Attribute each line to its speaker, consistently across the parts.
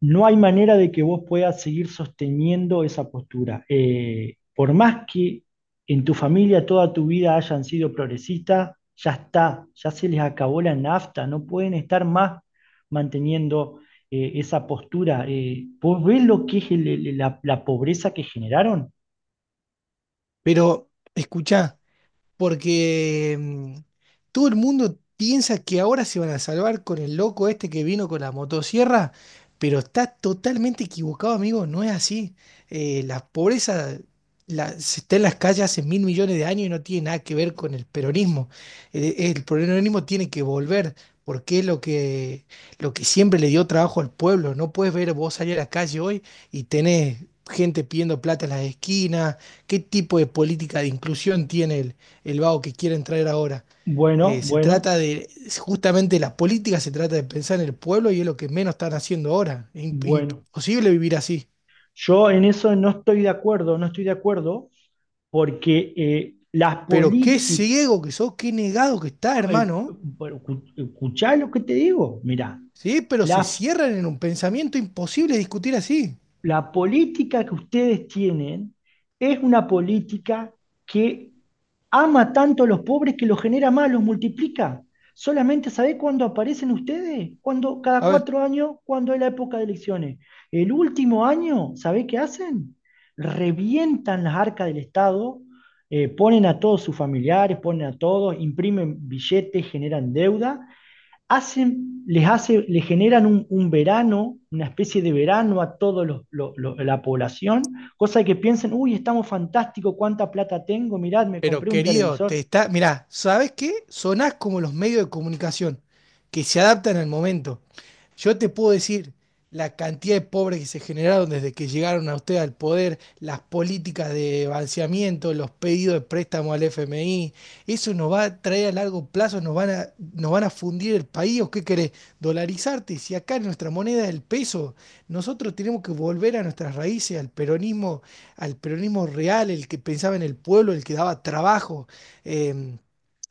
Speaker 1: No hay manera de que vos puedas seguir sosteniendo esa postura. Por más que en tu familia toda tu vida hayan sido progresistas, ya está, ya se les acabó la nafta, no pueden estar más manteniendo esa postura. ¿Vos ves lo que es la pobreza que generaron?
Speaker 2: Pero, escucha, porque todo el mundo piensa que ahora se van a salvar con el loco este que vino con la motosierra, pero está totalmente equivocado, amigo. No es así. La pobreza se está en las calles hace mil millones de años y no tiene nada que ver con el peronismo. El peronismo tiene que volver. Porque es lo que siempre le dio trabajo al pueblo. No puedes ver vos salir a la calle hoy y tenés gente pidiendo plata en las esquinas. ¿Qué tipo de política de inclusión tiene él? El vago que quieren traer ahora.
Speaker 1: Bueno,
Speaker 2: Eh, se
Speaker 1: bueno,
Speaker 2: trata de, Justamente la política se trata de pensar en el pueblo y es lo que menos están haciendo ahora. Im-
Speaker 1: bueno.
Speaker 2: imposible vivir así.
Speaker 1: Yo en eso no estoy de acuerdo, no estoy de acuerdo, porque las
Speaker 2: Pero qué
Speaker 1: políticas
Speaker 2: ciego que sos, qué negado que está, hermano.
Speaker 1: bueno, escuchá lo que te digo. Mirá,
Speaker 2: Sí, pero se
Speaker 1: la,
Speaker 2: cierran en un pensamiento imposible discutir así.
Speaker 1: la política que ustedes tienen es una política que ama tanto a los pobres que los genera más, los multiplica. Solamente sabés cuándo aparecen ustedes, cuando cada
Speaker 2: A ver.
Speaker 1: 4 años, cuando es la época de elecciones. El último año, ¿sabés qué hacen? Revientan las arcas del Estado, ponen a todos sus familiares, ponen a todos, imprimen billetes, generan deuda, hacen, les hace, le generan un verano, una especie de verano a toda la población, cosa de que piensen, uy, estamos fantásticos, cuánta plata tengo, mirad, me
Speaker 2: Pero
Speaker 1: compré un
Speaker 2: querido, te
Speaker 1: televisor.
Speaker 2: está. Mirá, ¿sabes qué? Sonás como los medios de comunicación que se adaptan al momento. Yo te puedo decir la cantidad de pobres que se generaron desde que llegaron a usted al poder, las políticas de balanceamiento, los pedidos de préstamo al FMI. Eso nos va a traer a largo plazo, nos van a fundir el país. ¿O qué querés? Dolarizarte. Si acá nuestra moneda es el peso, nosotros tenemos que volver a nuestras raíces, al peronismo real, el que pensaba en el pueblo, el que daba trabajo, eh,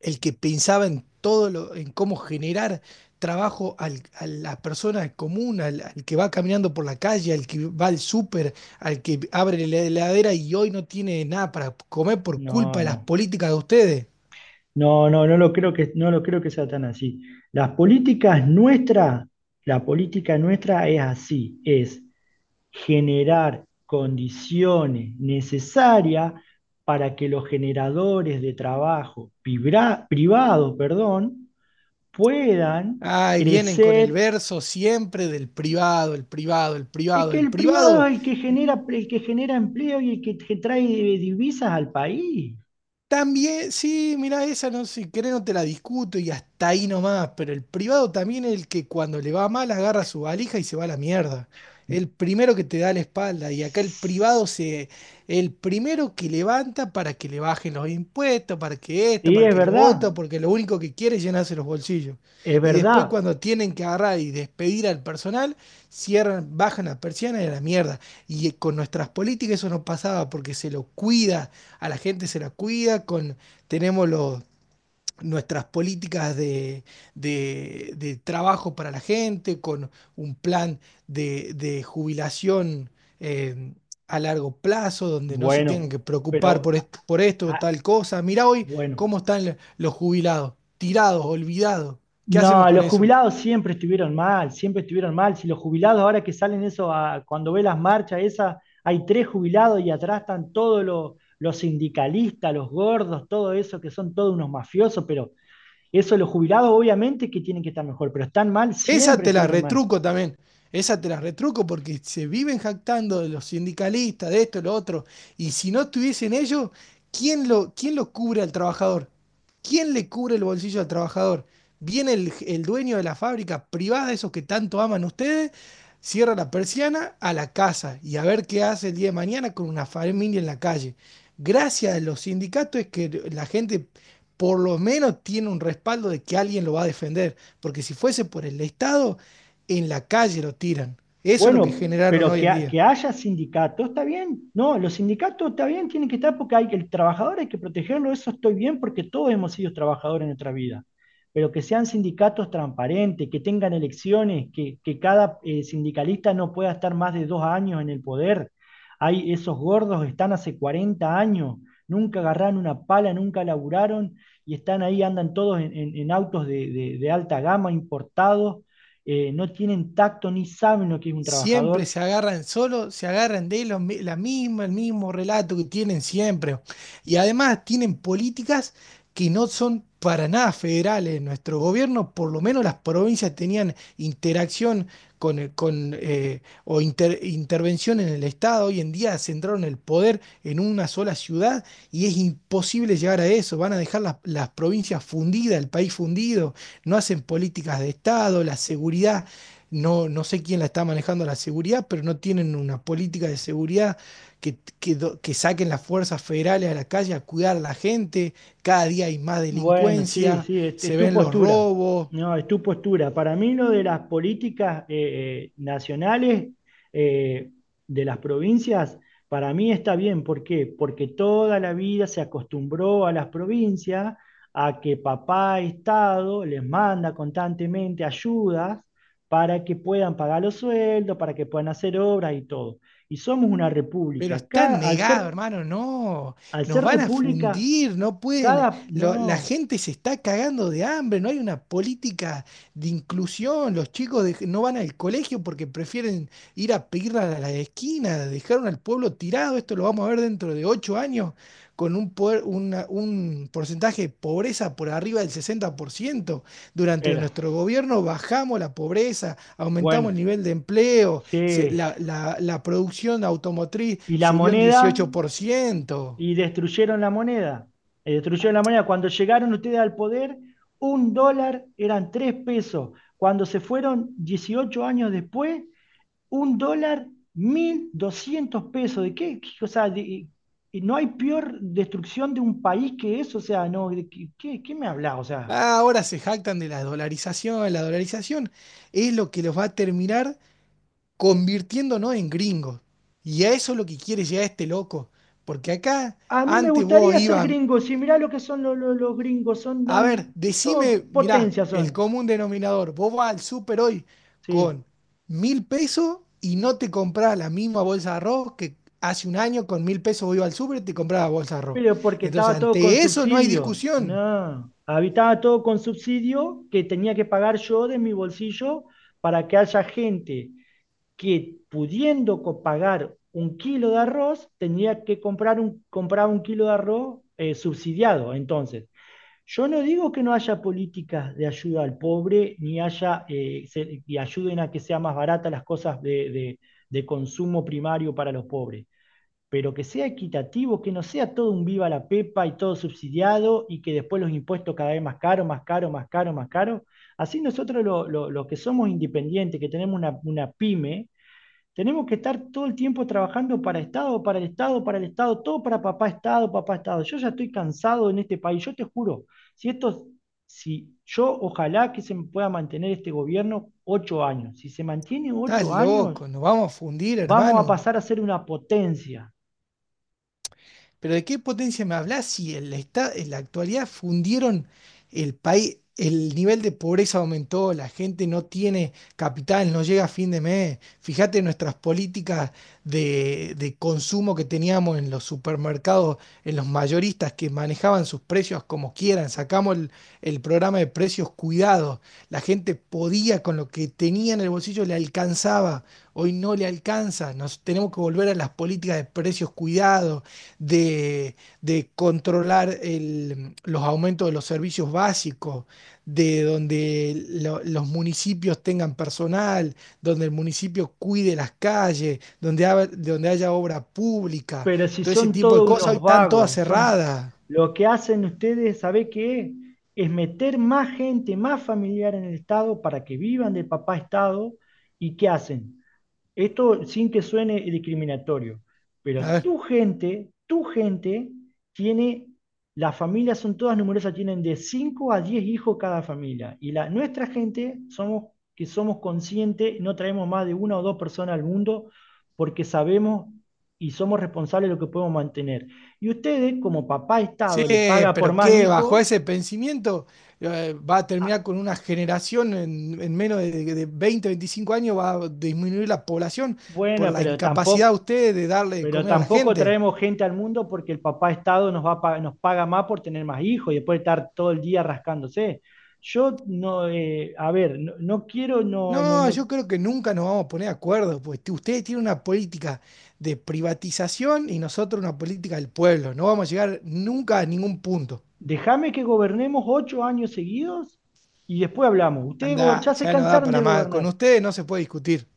Speaker 2: el que pensaba en cómo generar trabajo al, a la persona común, que va caminando por la calle, al que va al súper, al que abre la heladera y hoy no tiene nada para comer por culpa
Speaker 1: No,
Speaker 2: de las
Speaker 1: no,
Speaker 2: políticas de ustedes.
Speaker 1: no, lo creo que, no lo creo que sea tan así. Las políticas nuestras, la política nuestra es así, es generar condiciones necesarias para que los generadores de trabajo privados, perdón, puedan
Speaker 2: Ay, vienen con el
Speaker 1: crecer,
Speaker 2: verso siempre del privado, el privado, el
Speaker 1: es
Speaker 2: privado,
Speaker 1: que
Speaker 2: el
Speaker 1: el privado
Speaker 2: privado.
Speaker 1: es el que genera empleo y el que te trae divisas al país.
Speaker 2: También, sí, mira, esa no si querés no te la discuto y hasta ahí nomás, pero el privado también es el que cuando le va mal agarra su valija y se va a la mierda. El primero que te da la espalda y acá el primero que levanta para que le bajen los impuestos, para que esto,
Speaker 1: Sí,
Speaker 2: para
Speaker 1: es
Speaker 2: que lo
Speaker 1: verdad,
Speaker 2: otro, porque lo único que quiere es llenarse los bolsillos.
Speaker 1: es
Speaker 2: Y después
Speaker 1: verdad.
Speaker 2: cuando tienen que agarrar y despedir al personal, cierran, bajan la persiana y a la mierda. Y con nuestras políticas eso no pasaba porque se lo cuida, a la gente se la cuida, tenemos los, nuestras políticas de trabajo para la gente, con un plan de jubilación eh, a largo plazo, donde no se
Speaker 1: Bueno,
Speaker 2: tengan que preocupar
Speaker 1: pero
Speaker 2: por esto o
Speaker 1: ah,
Speaker 2: tal cosa. Mirá hoy
Speaker 1: bueno.
Speaker 2: cómo están los jubilados, tirados, olvidados. ¿Qué hacemos
Speaker 1: No,
Speaker 2: con
Speaker 1: los
Speaker 2: eso?
Speaker 1: jubilados siempre estuvieron mal, siempre estuvieron mal. Si los jubilados ahora que salen eso, cuando ve las marchas esas, hay tres jubilados y atrás están los sindicalistas, los gordos, todo eso, que son todos unos mafiosos. Pero eso, los jubilados obviamente que tienen que estar mejor, pero están mal,
Speaker 2: Esa
Speaker 1: siempre
Speaker 2: te la
Speaker 1: estuvieron mal.
Speaker 2: retruco también. Esa te la retruco porque se viven jactando de los sindicalistas, de esto, de lo otro. Y si no estuviesen ellos, ¿Quién lo cubre al trabajador? ¿Quién le cubre el bolsillo al trabajador? Viene el dueño de la fábrica privada, esos que tanto aman ustedes, cierra la persiana a la casa y a ver qué hace el día de mañana con una familia en la calle. Gracias a los sindicatos es que la gente por lo menos tiene un respaldo de que alguien lo va a defender, porque si fuese por el Estado, en la calle lo tiran. Eso es lo que
Speaker 1: Bueno,
Speaker 2: generaron
Speaker 1: pero
Speaker 2: hoy
Speaker 1: que,
Speaker 2: en día.
Speaker 1: que haya sindicatos, está bien. No, los sindicatos está bien, tienen que estar porque hay que, el trabajador hay que protegerlo, eso estoy bien porque todos hemos sido trabajadores en nuestra vida. Pero que sean sindicatos transparentes, que tengan elecciones, que cada sindicalista no pueda estar más de 2 años en el poder. Hay, esos gordos están hace 40 años, nunca agarraron una pala, nunca laburaron y están ahí, andan todos en autos de alta gama importados, no tienen tacto ni saben lo que es un
Speaker 2: Siempre
Speaker 1: trabajador.
Speaker 2: se agarran solo, se agarran la misma, el mismo relato que tienen siempre. Y además tienen políticas que no son para nada federales. Nuestro gobierno, por lo menos las provincias tenían interacción con, o intervención en el Estado. Hoy en día centraron el poder en una sola ciudad y es imposible llegar a eso. Van a dejar las provincias fundidas, el país fundido. No hacen políticas de Estado, la seguridad. No, no sé quién la está manejando la seguridad, pero no tienen una política de seguridad que saquen las fuerzas federales a la calle a cuidar a la gente. Cada día hay más
Speaker 1: Bueno, sí,
Speaker 2: delincuencia,
Speaker 1: sí, es
Speaker 2: se
Speaker 1: tu
Speaker 2: ven los
Speaker 1: postura.
Speaker 2: robos.
Speaker 1: No, es tu postura. Para mí lo de las políticas nacionales, eh, de las provincias, para mí está bien. ¿Por qué? Porque toda la vida se acostumbró a las provincias a que papá Estado les manda constantemente ayudas para que puedan pagar los sueldos, para que puedan hacer obras y todo. Y somos una
Speaker 2: Pero
Speaker 1: república. Cada,
Speaker 2: están
Speaker 1: al ser
Speaker 2: negados, hermano, no,
Speaker 1: al ser
Speaker 2: nos van a
Speaker 1: república,
Speaker 2: fundir, no
Speaker 1: cada...
Speaker 2: pueden,
Speaker 1: No,
Speaker 2: la gente se está cagando de hambre, no hay una política de inclusión, los chicos no van al colegio porque prefieren ir a pedir a la esquina, dejaron al pueblo tirado, esto lo vamos a ver dentro de 8 años, con un porcentaje de pobreza por arriba del 60%. Durante
Speaker 1: espera.
Speaker 2: nuestro gobierno bajamos la pobreza, aumentamos
Speaker 1: Bueno,
Speaker 2: el nivel de empleo,
Speaker 1: sí.
Speaker 2: la producción automotriz
Speaker 1: Y la
Speaker 2: subió un
Speaker 1: moneda,
Speaker 2: 18%.
Speaker 1: y destruyeron la moneda. Y destruyeron la moneda. Cuando llegaron ustedes al poder, un dólar eran 3 pesos. Cuando se fueron 18 años después, un dólar, 1200 pesos. ¿De qué? O sea, de- no hay peor destrucción de un país que eso. O sea, no, ¿de, qué, me hablas? O sea,
Speaker 2: Ah, ahora se jactan de la dolarización. La dolarización es lo que los va a terminar convirtiéndonos en gringos. Y a eso es lo que quiere llegar este loco. Porque acá
Speaker 1: a mí me
Speaker 2: antes vos
Speaker 1: gustaría ser
Speaker 2: ibas.
Speaker 1: gringo, si mirá lo que son los gringos, son
Speaker 2: A ver,
Speaker 1: dan, todo
Speaker 2: decime, mirá,
Speaker 1: potencia
Speaker 2: el
Speaker 1: son,
Speaker 2: común denominador. Vos vas al súper hoy
Speaker 1: sí.
Speaker 2: con 1.000 pesos y no te compras la misma bolsa de arroz que hace un año con 1.000 pesos vos ibas al súper y te comprabas la bolsa de arroz.
Speaker 1: Pero porque
Speaker 2: Entonces,
Speaker 1: estaba todo con
Speaker 2: ante eso no hay
Speaker 1: subsidio,
Speaker 2: discusión.
Speaker 1: no. Habitaba todo con subsidio que tenía que pagar yo de mi bolsillo para que haya gente que, pudiendo pagar un kilo de arroz, tenía que comprar comprar un kilo de arroz subsidiado, entonces. Yo no digo que no haya políticas de ayuda al pobre, ni haya, y ayuden a que sea más baratas las cosas de consumo primario para los pobres, pero que sea equitativo, que no sea todo un viva la pepa y todo subsidiado, y que después los impuestos cada vez más caros, más caros, más caros, más caros. Así nosotros los que somos independientes, que tenemos una pyme, tenemos que estar todo el tiempo trabajando para Estado, para el Estado, para el Estado, todo para papá Estado, papá Estado. Yo ya estoy cansado en este país, yo te juro, si esto, si yo, ojalá que se pueda mantener este gobierno 8 años. Si se mantiene
Speaker 2: Estás
Speaker 1: 8 años,
Speaker 2: loco, nos vamos a fundir,
Speaker 1: vamos a
Speaker 2: hermano.
Speaker 1: pasar a ser una potencia.
Speaker 2: Pero ¿de qué potencia me hablas si en en la actualidad fundieron el país, el nivel de pobreza aumentó, la gente no tiene capital, no llega a fin de mes? Fíjate nuestras políticas de consumo que teníamos en los supermercados, en los mayoristas que manejaban sus precios como quieran. Sacamos el programa de precios cuidados. La gente podía con lo que tenía en el bolsillo, le alcanzaba. Hoy no le alcanza. Nos tenemos que volver a las políticas de precios cuidados de, de controlar los aumentos de los servicios básicos, de donde los municipios tengan personal, donde el municipio cuide las calles, donde haya obra pública,
Speaker 1: Pero si
Speaker 2: todo ese
Speaker 1: son
Speaker 2: tipo de
Speaker 1: todos
Speaker 2: cosas, hoy
Speaker 1: unos
Speaker 2: están todas
Speaker 1: vagos, son
Speaker 2: cerradas.
Speaker 1: lo que hacen ustedes, ¿sabe qué es? Es meter más gente, más familiar en el Estado para que vivan de papá Estado. ¿Y qué hacen? Esto, sin que suene discriminatorio, pero
Speaker 2: A ver.
Speaker 1: tu gente tiene, las familias son todas numerosas, tienen de 5 a 10 hijos cada familia. Y la, nuestra gente somos, que somos conscientes, no traemos más de una o dos personas al mundo porque sabemos y somos responsables de lo que podemos mantener. Y ustedes, como papá
Speaker 2: Sí,
Speaker 1: Estado, le paga por
Speaker 2: pero
Speaker 1: más
Speaker 2: qué, bajo
Speaker 1: hijos,
Speaker 2: ese pensamiento va a
Speaker 1: ah,
Speaker 2: terminar con una generación en menos de 20, 25 años, va a disminuir la población por
Speaker 1: bueno,
Speaker 2: la
Speaker 1: pero
Speaker 2: incapacidad
Speaker 1: tampoco,
Speaker 2: de ustedes de darle de
Speaker 1: pero
Speaker 2: comer a la
Speaker 1: tampoco
Speaker 2: gente.
Speaker 1: traemos gente al mundo porque el papá Estado nos, nos paga más por tener más hijos y después estar todo el día rascándose. Yo no, a ver, no, no quiero, no, no,
Speaker 2: No,
Speaker 1: no.
Speaker 2: yo creo que nunca nos vamos a poner de acuerdo, pues ustedes tienen una política de privatización y nosotros una política del pueblo. No vamos a llegar nunca a ningún punto.
Speaker 1: Déjame que gobernemos 8 años seguidos y después hablamos. Ustedes ya
Speaker 2: Anda,
Speaker 1: se
Speaker 2: ya no da
Speaker 1: cansaron de
Speaker 2: para más. Con
Speaker 1: gobernar.
Speaker 2: ustedes no se puede discutir.